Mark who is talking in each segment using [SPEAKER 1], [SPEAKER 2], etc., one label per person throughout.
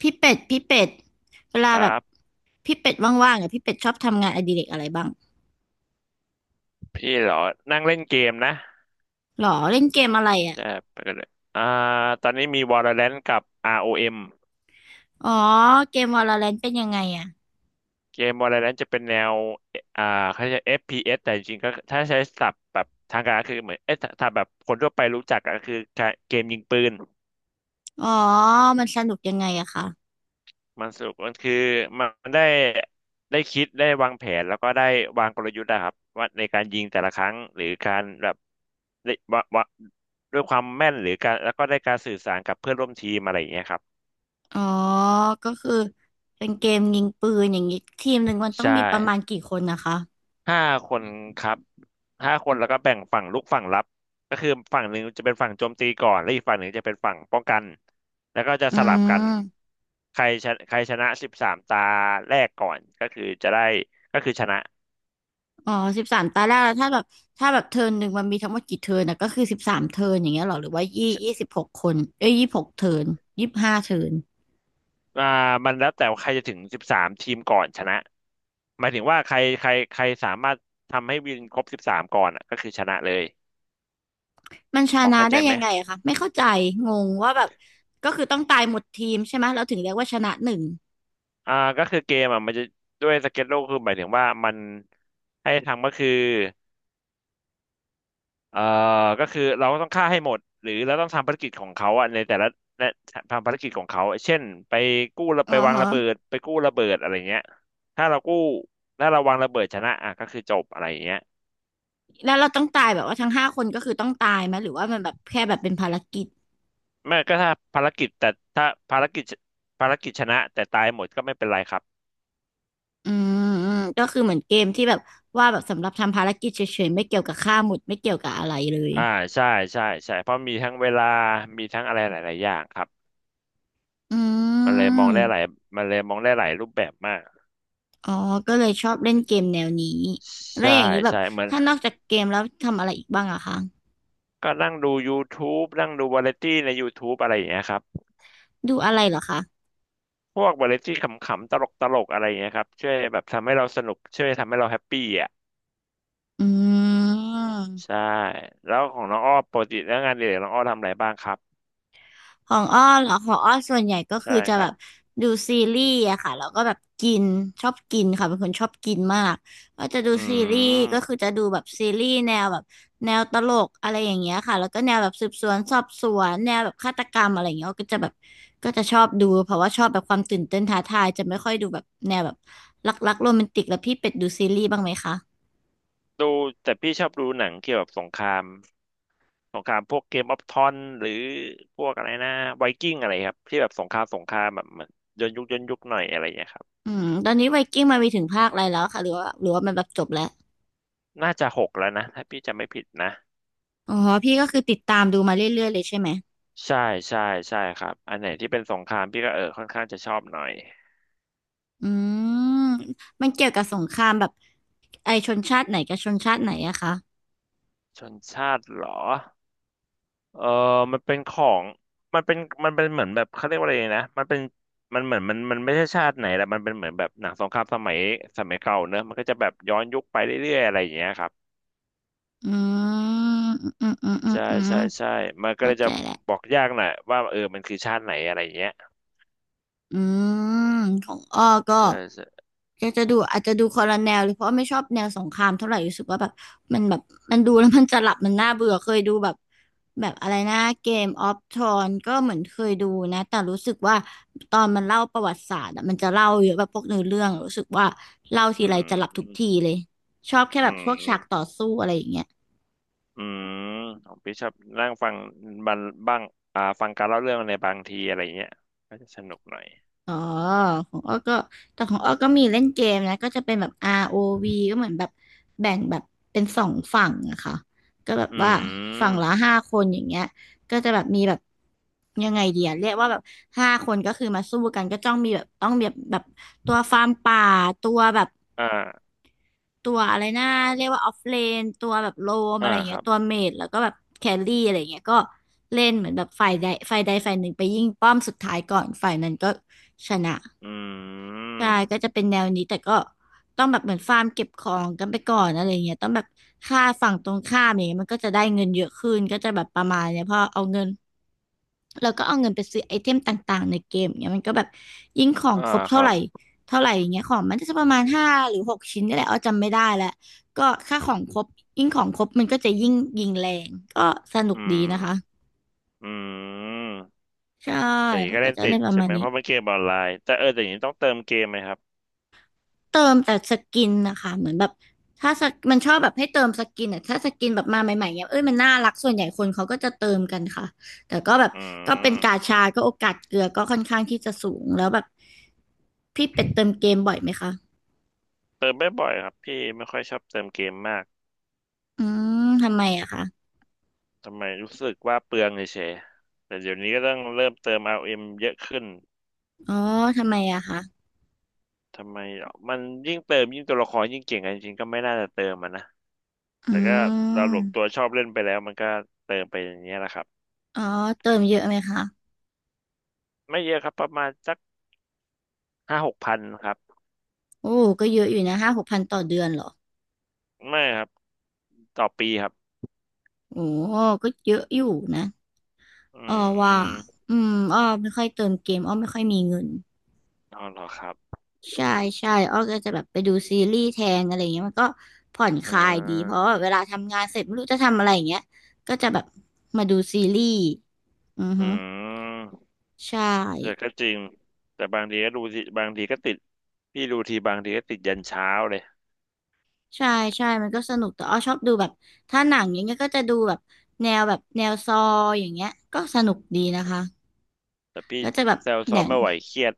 [SPEAKER 1] พี่เป็ดพี่เป็ดเวลา
[SPEAKER 2] ค
[SPEAKER 1] แบ
[SPEAKER 2] รั
[SPEAKER 1] บ
[SPEAKER 2] บ
[SPEAKER 1] พี่เป็ดว่างๆอ่ะพี่เป็ดชอบทำงานอดิเรกอะไรบ้าง
[SPEAKER 2] พี่เหรอนั่งเล่นเกมนะ
[SPEAKER 1] หรอเล่นเกมอะไรอ่ะ
[SPEAKER 2] จะไปกันเลยอ่าตอนนี้มี Valorant กับ ROM เอ็ม
[SPEAKER 1] อ๋อเกมวาโลแรนต์เป็นยังไงอ่ะ
[SPEAKER 2] เกม Valorant จะเป็นแนวอ่าเขาจะ FPS แต่จริงๆก็ถ้าใช้ศัพท์แบบทางการก็คือเหมือนเอ๊ะถ้าแบบคนทั่วไปรู้จักก็คือการเกมยิงปืน
[SPEAKER 1] อ๋อมันสนุกยังไงอะคะ
[SPEAKER 2] มันสนุกมันคือมันได้คิดได้วางแผนแล้วก็ได้วางกลยุทธ์นะครับว่าในการยิงแต่ละครั้งหรือการแบบได้วะวะด้วยความแม่นหรือการแล้วก็ได้การสื่อสารกับเพื่อนร่วมทีมอะไรอย่างเงี้ยครับ
[SPEAKER 1] อ๋อก็คือเป็นเกมยิงปืนอย่างนี้ทีมหนึ่งมันต้อง
[SPEAKER 2] ใช่
[SPEAKER 1] มีประมาณกี่คนนะคะ
[SPEAKER 2] ห้าคนครับห้าคนแล้วก็แบ่งฝั่งรุกฝั่งรับก็คือฝั่งหนึ่งจะเป็นฝั่งโจมตีก่อนและอีกฝั่งหนึ่งจะเป็นฝั่งป้องกันแล้วก็จะ
[SPEAKER 1] อื
[SPEAKER 2] สลับกัน
[SPEAKER 1] ม
[SPEAKER 2] ใครชนะใครชนะ13 ตาแรกก่อนก็คือจะได้ก็คือชนะ
[SPEAKER 1] อ๋อ13 ตาแรกแล้วถ้าแบบถ้าแบบเทิร์นหนึ่งมันมีทั้งหมดกี่เทิร์นนะก็คือ13 เทิร์นอย่างเงี้ยหรอหรือว่ายี่
[SPEAKER 2] ช
[SPEAKER 1] ยี่สิบหกคนเอ้ย26 เทิร์น25 เทิร์น
[SPEAKER 2] อ่ามันแล้วแต่ว่าใครจะถึงสิบสามทีมก่อนชนะหมายถึงว่าใครใครใครสามารถทำให้วินครบสิบสามก่อนอะก็คือชนะเลย
[SPEAKER 1] มันช
[SPEAKER 2] พอ
[SPEAKER 1] นะ
[SPEAKER 2] เข้าใจ
[SPEAKER 1] ได้
[SPEAKER 2] ไหม
[SPEAKER 1] ยังไงอะคะไม่เข้าใจงงว่าแบบก็คือต้องตายหมดทีมใช่ไหมเราถึงเรียกว่าชนะหนึ่ง
[SPEAKER 2] อ่าก็คือเกมอ่ะมันจะด้วยสเก็ตโลกคือหมายถึงว่ามันให้ทำก็คือ เอ่อก็คือเราต้องฆ่าให้หมดหรือเราต้องทำภารกิจของเขาอะในแต่ละและทำภารกิจของเขาเช่นไปกู้ระ
[SPEAKER 1] อ๋อ
[SPEAKER 2] ไปวาง
[SPEAKER 1] ฮะ
[SPEAKER 2] ระเบิดไปกู้ระเบิดอะไรเงี้ยถ้าเรากู้ถ้าเราวางระเบิดชนะอ่ะก็คือจบอะไรเงี้ย
[SPEAKER 1] แล้วเราต้องตายแบบว่าทั้งห้าคนก็คือต้องตายไหมหรือว่ามันแบบแค่แบบเป็นภารกิจ
[SPEAKER 2] ไม่ก็ถ้าภารกิจแต่ถ้าภารกิจภารกิจชนะแต่ตายหมดก็ไม่เป็นไรครับ
[SPEAKER 1] อืมอืมก็คือเหมือนเกมที่แบบว่าแบบสำหรับทำภารกิจเฉยๆไม่เกี่ยวกับฆ่าหมุดไม่เกี่ยวกับอะไรเลย
[SPEAKER 2] อ่าใช่ใช่ใช่ เพราะมีทั้งเวลามีทั้งอะไรหลายๆอย่างครับ
[SPEAKER 1] อื
[SPEAKER 2] มันเลยมองได้หลาย
[SPEAKER 1] ม
[SPEAKER 2] มันเลยมองได้หลายรูปแบบมาก
[SPEAKER 1] อ๋อก็เลยชอบเล่นเกมแนวนี้แล้ว
[SPEAKER 2] ใช่
[SPEAKER 1] อย่างนี้แบบ
[SPEAKER 2] ใช่เหมือน
[SPEAKER 1] ถ้านอกจากเกมแล้วทำอะไรอีกบ้างอะคะ
[SPEAKER 2] ก็นั่งดู YouTube นั่งดูวาไรตี้ใน YouTube อะไรอย่างเงี้ยครับ
[SPEAKER 1] ดูอะไรเหรอคะ
[SPEAKER 2] พวกวาไรตี้ขำๆตลกๆอะไรอย่างเงี้ยครับช่วยแบบทำให้เราสนุกช่วยทำให้เราแฮปปี้อ่ะ
[SPEAKER 1] อืม
[SPEAKER 2] ใช่แล้วของน้องอ้อปกติแล้วงานอดิเรกน้องอ้อทำอะไรบ้างครับ
[SPEAKER 1] ของอ้อเหรอของอ้อส่วนใหญ่ก็
[SPEAKER 2] ใช่
[SPEAKER 1] คือจะ
[SPEAKER 2] ค
[SPEAKER 1] แบ
[SPEAKER 2] รับ
[SPEAKER 1] บดูซีรีส์อะค่ะแล้วก็แบบกินชอบกินค่ะเป็นคนชอบกินมากก็จะดู
[SPEAKER 2] อื
[SPEAKER 1] ซีรีส์ก็คือ
[SPEAKER 2] ม
[SPEAKER 1] จะดูแบบซีรีส์แนวแบบแนวตลกอะไรอย่างเงี้ยค่ะแล้วก็แนวแบบสืบสวนสอบสวนแนวแบบฆาตกรรมอะไรอย่างเงี้ยอ้อก็จะแบบก็จะชอบดูเพราะว่าชอบแบบความตื่นเต้นท้าทายจะไม่ค่อยดูแบบแนวแบบรักๆโรแมนติกแล้วพี่เป็ดดูซีรีส์บ้างไหมคะ
[SPEAKER 2] ดูแต่พี่ชอบดูหนังเกี่ยวกับสงครามสงครามพวกเกมออฟทอนหรือพวกอะไรนะไวกิ้งอะไรครับที่แบบสงครามสงครามแบบเหมือนย้อนยุคย้อนยุคหน่อยอะไรอย่างเงี้ยครับ
[SPEAKER 1] อืมตอนนี้ไวกิ้งมามีถึงภาคอะไรแล้วค่ะหรือว่าหรือว่ามันแบบจบแล้ว
[SPEAKER 2] น่าจะหกแล้วนะถ้าพี่จำไม่ผิดนะ
[SPEAKER 1] อ๋อพี่ก็คือติดตามดูมาเรื่อยๆเลยใช่ไหม
[SPEAKER 2] ใช่ใช่ใช่ครับอันไหนที่เป็นสงครามพี่ก็เออค่อนข้างจะชอบหน่อย
[SPEAKER 1] อืมมันเกี่ยวกับสงครามแบบไอชนชาติไหนกับชนชาติไหนอะคะ
[SPEAKER 2] ชนชาติเหรอเออมันเป็นของมันเป็นมันเป็นเหมือนแบบเขาเรียกว่าอะไรนะมันเป็นมันเหมือนมันไม่ใช่ชาติไหนแหละมันเป็นเหมือนแบบหนังสงครามสมัยสมัยเก่าเนอะมันก็จะแบบย้อนยุคไปเรื่อยๆอะไรอย่างเงี้ยครับ
[SPEAKER 1] อืมอืมอืมอืม
[SPEAKER 2] ใช่
[SPEAKER 1] อืม
[SPEAKER 2] ใช่ใช่มันก็เล
[SPEAKER 1] เข้า
[SPEAKER 2] ยจะ
[SPEAKER 1] ใจแหล้ว
[SPEAKER 2] บอกยากหน่อยว่าเออมันคือชาติไหนอะไรอย่างเงี้ย
[SPEAKER 1] อืมของอ้อก็
[SPEAKER 2] ใช่ใช่
[SPEAKER 1] จะจะดูอาจจะดูคอลแนลเลยเพราะว่าไม่ชอบแนวสงครามเท่าไหร่รู้สึกว่าแบบมันแบบมันดูแล้วมันจะหลับมันน่าเบื่อเคยดูแบบแบบอะไรนะเกมออฟทรอนก็เหมือนเคยดูนะแต่รู้สึกว่าตอนมันเล่าประวัติศาสตร์อะมันจะเล่าเยอะแบบพวกเนื้อเรื่องรู้สึกว่าเล่าที
[SPEAKER 2] อื
[SPEAKER 1] ไรจะหลับทุกที
[SPEAKER 2] ม
[SPEAKER 1] เลยชอบแค่
[SPEAKER 2] อื
[SPEAKER 1] แบบพวกฉากต่อ
[SPEAKER 2] ม
[SPEAKER 1] สู้อะไรอย่างเงี้ย
[SPEAKER 2] อืมของพี่ชอบนั่งฟังบันบ้างฟังการเล่าเรื่องในบางทีอะไรเงี้ยก็จะสนุกหน่อย
[SPEAKER 1] อ๋อของอ้อก็แต่ของอ้อก็มีเล่นเกมนะก็จะเป็นแบบ ROV ก็เหมือนแบบแบ่งแบบเป็นสองฝั่งอะค่ะก็แบบ
[SPEAKER 2] อื
[SPEAKER 1] ว่าฝั่งละ
[SPEAKER 2] ม
[SPEAKER 1] ห้าคนอย่างเงี้ยก็จะแบบมีแบบยังไงเดียเรียกว่าแบบห้าคนก็คือมาสู้กันก็ต้องมีแบบต้องแบบแบบตัวฟาร์มป่าตัวแบบ
[SPEAKER 2] อ่า
[SPEAKER 1] ตัวอะไรนะเรียกว่าออฟเลนตัวแบบโลม
[SPEAKER 2] อ่า
[SPEAKER 1] อะไรอย่าง
[SPEAKER 2] ค
[SPEAKER 1] เงี้
[SPEAKER 2] รั
[SPEAKER 1] ย
[SPEAKER 2] บ
[SPEAKER 1] ตัวเมจแล้วก็แบบแครี่อะไรอย่างเงี้ยก็เล่นเหมือนแบบฝ่ายใดฝ่ายใดฝ่ายหนึ่งไปยิงป้อมสุดท้ายก่อนฝ่ายนั้นก็ชนะ
[SPEAKER 2] อืม
[SPEAKER 1] ใช่ก็จะเป็นแนวนี้แต่ก็ต้องแบบเหมือนฟาร์มเก็บของกันไปก่อนอะไรเงี้ยต้องแบบค่าฝั่งตรงข้ามอย่างเงี้ยมันก็จะได้เงินเยอะขึ้นก็จะแบบประมาณเนี้ยพอเอาเงินเราก็เอาเงินไปซื้อไอเทมต่างๆในเกมเงี้ยมันก็แบบยิ่งของ
[SPEAKER 2] อ่า
[SPEAKER 1] ครบ
[SPEAKER 2] ค
[SPEAKER 1] เท่า
[SPEAKER 2] รั
[SPEAKER 1] ไห
[SPEAKER 2] บ
[SPEAKER 1] ร่เท่าไหร่อย่างเงี้ยของมันก็จะประมาณ5 หรือ 6 ชิ้นนี่แหละอ้อจำไม่ได้แล้วก็ค่าของครบยิ่งของครบมันก็จะยิ่งยิงแรงก็สนุก
[SPEAKER 2] อื
[SPEAKER 1] ดี
[SPEAKER 2] ม
[SPEAKER 1] นะคะ
[SPEAKER 2] อืม
[SPEAKER 1] ใช่
[SPEAKER 2] แต่อย่างนี้
[SPEAKER 1] เขา
[SPEAKER 2] ก็
[SPEAKER 1] ก็
[SPEAKER 2] เล่น
[SPEAKER 1] จะ
[SPEAKER 2] ติ
[SPEAKER 1] เล่
[SPEAKER 2] ด
[SPEAKER 1] นประ
[SPEAKER 2] ใช่
[SPEAKER 1] มาณ
[SPEAKER 2] ไหม
[SPEAKER 1] นี้
[SPEAKER 2] เพราะมันเกมออนไลน์แต่เออแต่อย่างนี้ต้องเติมเกมไหมครับ
[SPEAKER 1] เติมแต่สกินนะคะเหมือนแบบถ้าสกมันชอบแบบให้เติมสกินอ่ะถ้าสกินแบบมาใหม่ๆเนี่ยเอ้ยมันน่ารักส่วนใหญ่คนเขาก็จะเติมกันค่ะแต่ก็แบบ
[SPEAKER 2] อื
[SPEAKER 1] ก็เป็นกา
[SPEAKER 2] ม
[SPEAKER 1] ชาก็โอกาสเกลือก็ค่อนข้างที่จะสูงแล้วแบบพี่เป็ดเติมเกมบ่อยไหมคะ
[SPEAKER 2] เติมไม่บ่อยครับพี่ไม่ค่อยชอบเติมเกมมาก
[SPEAKER 1] อืมทำไมอะคะ
[SPEAKER 2] ทำไมรู้สึกว่าเปลืองเฉยๆแต่เดี๋ยวนี้ก็ต้องเริ่มเติม RM เอ็มเยอะขึ้น
[SPEAKER 1] อ๋อทำไมอะคะ
[SPEAKER 2] ทำไมอ่ะมันยิ่งเติมยิ่งตัวละครยิ่งเก่งกันจริงๆก็ไม่น่าจะเติมมันนะ
[SPEAKER 1] อื
[SPEAKER 2] แต่ก็เราหลวมตัว
[SPEAKER 1] ม
[SPEAKER 2] ชอบเล่นไปแล้วมันก็เติมไปอย่างเงี้ยแหละครับ
[SPEAKER 1] อ๋อเติมเยอะไหมคะ
[SPEAKER 2] ไม่เยอะครับประมาณสัก5,000-6,000ครับ
[SPEAKER 1] โอ้ก็เยอะอยู่นะ5-6 พันต่อเดือนเหรอ
[SPEAKER 2] ไม่ครับต่อปีครับ
[SPEAKER 1] โอ้ก็เยอะอยู่นะ
[SPEAKER 2] อื
[SPEAKER 1] อ้อ
[SPEAKER 2] มอื
[SPEAKER 1] ว่า
[SPEAKER 2] ม
[SPEAKER 1] อืมอ้อไม่ค่อยเติมเกมอ้อไม่ค่อยมีเงิน
[SPEAKER 2] อ๋อเหรอครับ
[SPEAKER 1] ใช่ใช่อ้อก็จะแบบไปดูซีรีส์แทนอะไรอย่างเงี้ยมันก็ผ่อนค
[SPEAKER 2] อ่
[SPEAKER 1] ลายดีเพราะ
[SPEAKER 2] า
[SPEAKER 1] ว่าเวลาทำงานเสร็จไม่รู้จะทำอะไรอย่างเงี้ยก็จะแบบมาดูซีรีส์อือ
[SPEAKER 2] อื
[SPEAKER 1] ฮึ
[SPEAKER 2] ม
[SPEAKER 1] ใช
[SPEAKER 2] แต่
[SPEAKER 1] ่
[SPEAKER 2] ก็จริงแต่บางทีก็ดูสิบางทีก็ติดพี่ดูทีบางทีก็ติดยันเช้าเลย
[SPEAKER 1] ใช่ใช่มันก็สนุกแต่อ้อชอบดูแบบถ้าหนังอย่างเงี้ยก็จะดูแบบแนวแบบแนวซออย่างเงี้ยก็สนุกดีนะคะ
[SPEAKER 2] แต่พี่
[SPEAKER 1] ก็จะแบบ
[SPEAKER 2] แซว
[SPEAKER 1] ห
[SPEAKER 2] ซ้อ
[SPEAKER 1] นั
[SPEAKER 2] ม
[SPEAKER 1] ง
[SPEAKER 2] ไม่ไหวเครียด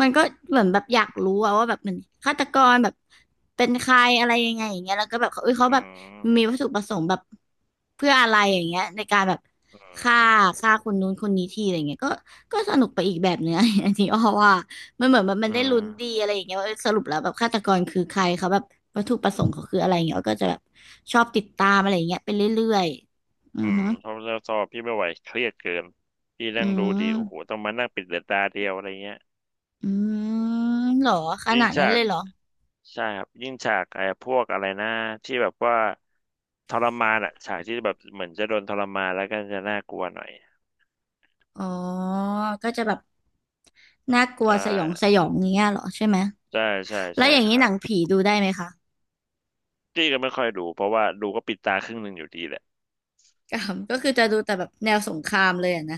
[SPEAKER 1] มันก็เหมือนแบบอยากรู้อะว่าแบบมันฆาตกรแบบเป็นใครอะไรยังไงอย่างเงี้ยแล้วก็แบบเขาเอ้ยเขา
[SPEAKER 2] อื
[SPEAKER 1] แบบมีวั
[SPEAKER 2] ม
[SPEAKER 1] ตถุประสงค์แบบเพื่ออะไรอย่างเงี้ยในการแบบ
[SPEAKER 2] อื
[SPEAKER 1] ฆ่า
[SPEAKER 2] ม
[SPEAKER 1] ฆ่าคนนู้นคนนี้ทีอะไรเงี้ยก็สนุกไปอีกแบบเนื้อ อันนี้อ้อว่ามันเหมือนแบบมั
[SPEAKER 2] อื
[SPEAKER 1] นได้ลุ้นดีอะ
[SPEAKER 2] ม
[SPEAKER 1] ไรอย่างเงี้ยว่าเอ้ยสรุปแล้วแบบฆาตกรคือใครเขาแบบวัตถุประสงค์เขาคืออะไรอย่างเงี้ยอ้อก็จะแบบชอบติดตามอะไรอย่างเงี้ยไปเรื่อยๆอื
[SPEAKER 2] อื
[SPEAKER 1] อฮึ
[SPEAKER 2] มเพราะเราสอบพี่ไม่ไหวเครียดเกินพี่
[SPEAKER 1] อื
[SPEAKER 2] นั่งดูทีโอ้โห
[SPEAKER 1] ม
[SPEAKER 2] ต้องมานั่งปิดเดือตาเดียวอะไรเงี้ย
[SPEAKER 1] อืมเหรอข
[SPEAKER 2] ยิ่
[SPEAKER 1] นา
[SPEAKER 2] ง
[SPEAKER 1] ดนั้
[SPEAKER 2] ฉา
[SPEAKER 1] นเล
[SPEAKER 2] ก
[SPEAKER 1] ยเหรอ
[SPEAKER 2] ใช่ครับยิ่งฉากไอ้พวกอะไรนะที่แบบว่าทรมานอะฉากที่แบบเหมือนจะโดนทรมานแล้วก็จะน่ากลัวหน่อย
[SPEAKER 1] อ๋อ ก็จะแบบน่ากลัว
[SPEAKER 2] ใช่
[SPEAKER 1] สยองสยองอย่างเงี้ยเหรอใช่ไหม
[SPEAKER 2] ใช่ใช่
[SPEAKER 1] แล้ว
[SPEAKER 2] ใช่
[SPEAKER 1] อย่าง
[SPEAKER 2] ค
[SPEAKER 1] นี้
[SPEAKER 2] รั
[SPEAKER 1] หนั
[SPEAKER 2] บ
[SPEAKER 1] งผีดูได้ไหมคะ
[SPEAKER 2] พี่ก็ไม่ค่อยดูเพราะว่าดูก็ปิดตาครึ่งหนึ่งอยู่ดีแหละ
[SPEAKER 1] กาม ก็คือจะดูแต่แบบแนวสงครามเลยอะนะ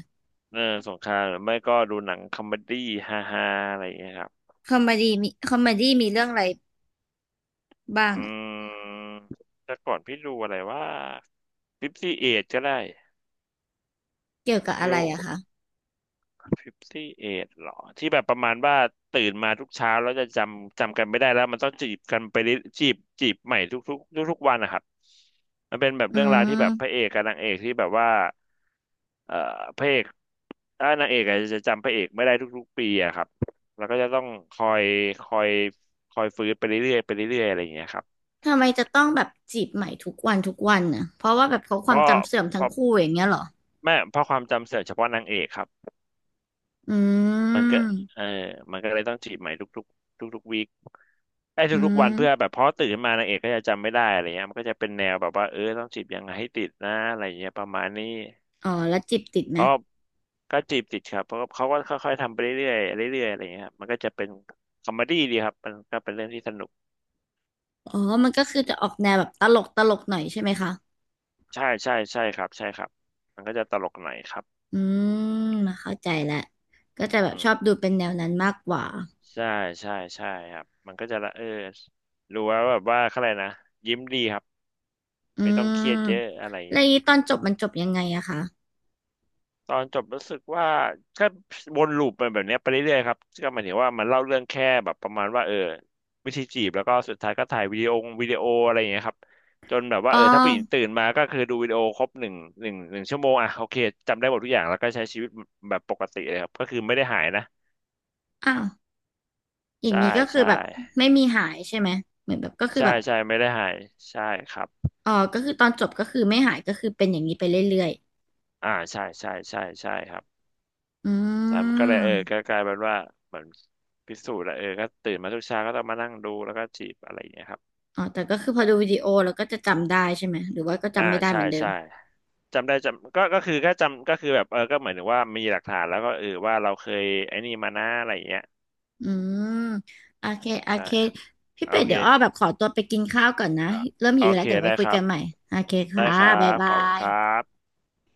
[SPEAKER 2] เออสงครามหรือไม่ก็ดูหนังคอมเมดี้ฮาฮาอะไรอย่างเงี้ยครับ
[SPEAKER 1] คอมเมดี้มีคอมเมดี้มีเรื่องอะไรบ้าง
[SPEAKER 2] อื
[SPEAKER 1] อะ
[SPEAKER 2] มแต่ก่อนพี่ดูอะไรว่าฟิฟตี้เอก็ได้
[SPEAKER 1] เกี่ยวกับ
[SPEAKER 2] ไม่
[SPEAKER 1] อะไร
[SPEAKER 2] รู้
[SPEAKER 1] อะคะ
[SPEAKER 2] 5เหรอที่แบบประมาณว่าตื่นมาทุกเช้าแล้วจะจำกันไม่ได้แล้วมันต้องจีบกันไปเรื่อยจีบใหม่ทุกๆวันนะครับมันเป็นแบบ
[SPEAKER 1] อื
[SPEAKER 2] เรื่องราวที่แบบพระ
[SPEAKER 1] ม
[SPEAKER 2] เอกกับนางเอกที่แบบว่าเอ่อพระเอกถ้านางเอกอาจจะจำพระเอกไม่ได้ทุกๆปีอะครับแล้วก็จะต้องคอยคอยคอยฟื้นไปเรื่อยๆไปเรื่อยๆอะไรอย่างเงี้ยครับ
[SPEAKER 1] ทำไมจะต้องแบบจีบใหม่ทุกวันทุกวันน่ะเพราะว่าแบบเขาค
[SPEAKER 2] เพ
[SPEAKER 1] วาม
[SPEAKER 2] ราะ
[SPEAKER 1] จำเสื่อม
[SPEAKER 2] เพ
[SPEAKER 1] ทั้ง
[SPEAKER 2] ราะ
[SPEAKER 1] คู่อย่างเงี้ยเหรอ
[SPEAKER 2] แม่เพราะความจำเสื่อมเฉพาะนางเอกครับ
[SPEAKER 1] อื
[SPEAKER 2] มันก็เออ
[SPEAKER 1] ม
[SPEAKER 2] มันก็เลยต้องจีบใหม่ทุกๆทุกๆวีคไอ้
[SPEAKER 1] อื
[SPEAKER 2] ทุกๆวันเพื่อแบ
[SPEAKER 1] ม
[SPEAKER 2] บเพราะตื่นขึ้นมานางเอกก็จะจำไม่ได้อะไรเงี้ยมันก็จะเป็นแนวแบบว่าเออต้องจีบยังไงให้ติดนะอะไรเงี้ยประมาณนี้
[SPEAKER 1] อ๋อ แล้วจีบติดไหม
[SPEAKER 2] เพราะก็จีบติดครับเพราะเขาก็ค่อยๆทำไปเรื่อยๆเรื่อยๆอะไรเงี้ยครับมันก็จะเป็นคอมเมดี้ดีครับมันก็เป็นเรื่องที่สนุก
[SPEAKER 1] อ๋อมันก็คือจะออกแนวแบบตลกตลกหน่อยใช่ไหมคะ
[SPEAKER 2] ใช่ใช่ใช่ครับใช่ครับมันก็จะตลกหน่อยครับ
[SPEAKER 1] อืมมาเข้าใจแล้วก็จะแบ
[SPEAKER 2] อื
[SPEAKER 1] บชอ
[SPEAKER 2] ม
[SPEAKER 1] บดูเป็นแนวนั้นมากกว่า
[SPEAKER 2] ใช่ใช่ใช่ครับมันก็จะละเออรู้ว่าแบบว่าเขาอะไรนะยิ้มดีครับ
[SPEAKER 1] อื
[SPEAKER 2] ไม่ต้องเค
[SPEAKER 1] ม
[SPEAKER 2] รียดเยอะอะไร
[SPEAKER 1] แล้วอย่างนี้ตอนจบมันจบยังไงอะคะ
[SPEAKER 2] ตอนจบรู้สึกว่าก็วนลูปไปแบบเนี้ยไปเรื่อยๆครับก็หมายถึงว่ามันเล่าเรื่องแค่แบบประมาณว่าเออวิธีจีบแล้วก็สุดท้ายก็ถ่ายวิดีโออะไรอย่างเงี้ยครับจนแบบว่า
[SPEAKER 1] อ๋อ
[SPEAKER 2] เออถ้าผู้หญิงตื่นมาก็คือดูวิดีโอครบหนึ่งชั่วโมงอ่ะโอเคจำได้หมดทุกอย่างแล้วก็ใช้ชีวิตแบบปกติเลยครับก็คือไม่ได้หายนะ
[SPEAKER 1] อ้าวอย่าง
[SPEAKER 2] ใช่
[SPEAKER 1] นี้ก็คือ
[SPEAKER 2] ใช่
[SPEAKER 1] แบบไม่มีหายใช่ไหมเหมือนแบบก็คือ
[SPEAKER 2] ใช่
[SPEAKER 1] แบบ
[SPEAKER 2] ใช่ไม่ได้หายใช่ครับ
[SPEAKER 1] อ๋อก็คือตอนจบก็คือไม่หายก็คือเป็นอย่างนี้ไปเรื่อย
[SPEAKER 2] อ่าใช่ใช่ใช่ใช่ครับ
[SPEAKER 1] ๆอื
[SPEAKER 2] แต่มันก็
[SPEAKER 1] ม
[SPEAKER 2] เลยเออก็กลายเป็นว่าเหมือนพิสูจน์แล้วเออก็ตื่นมาทุกเช้าก็ต้องมานั่งดูแล้วก็จีบอะไรอย่างเงี้ยครับ
[SPEAKER 1] อ๋อแต่ก็คือพอดูวิดีโอแล้วก็จะจำได้ใช่ไหมหรือว่าก็
[SPEAKER 2] อ่า
[SPEAKER 1] จำไม่ได้เห
[SPEAKER 2] ใช่
[SPEAKER 1] มือนเดิม
[SPEAKER 2] ใช่จำได้จำก็ก็คือแค่จำก็คือแบบเออก็เหมือนถึงว่ามีหลักฐานแล้วก็เออว่าเราเคยไอ้นี่มานะอะไรอย่างเงี้ย
[SPEAKER 1] อืมโอเคโอ
[SPEAKER 2] ใช่
[SPEAKER 1] เคพี่
[SPEAKER 2] โอ
[SPEAKER 1] เป็ด
[SPEAKER 2] เค
[SPEAKER 1] เดี๋ยวอ้อแบบขอตัวไปกินข้าวก่อนนะ
[SPEAKER 2] อ่ะ
[SPEAKER 1] เริ่ม
[SPEAKER 2] โอ
[SPEAKER 1] หิวแล้
[SPEAKER 2] เค
[SPEAKER 1] วเดี๋ยวไว้
[SPEAKER 2] ได้
[SPEAKER 1] คุ
[SPEAKER 2] ค
[SPEAKER 1] ย
[SPEAKER 2] รั
[SPEAKER 1] กั
[SPEAKER 2] บ
[SPEAKER 1] นใหม่โอเค
[SPEAKER 2] ได้
[SPEAKER 1] ค่ะ
[SPEAKER 2] ครั
[SPEAKER 1] บ๊าย
[SPEAKER 2] บข
[SPEAKER 1] บา
[SPEAKER 2] อบคุณครั
[SPEAKER 1] ย
[SPEAKER 2] บ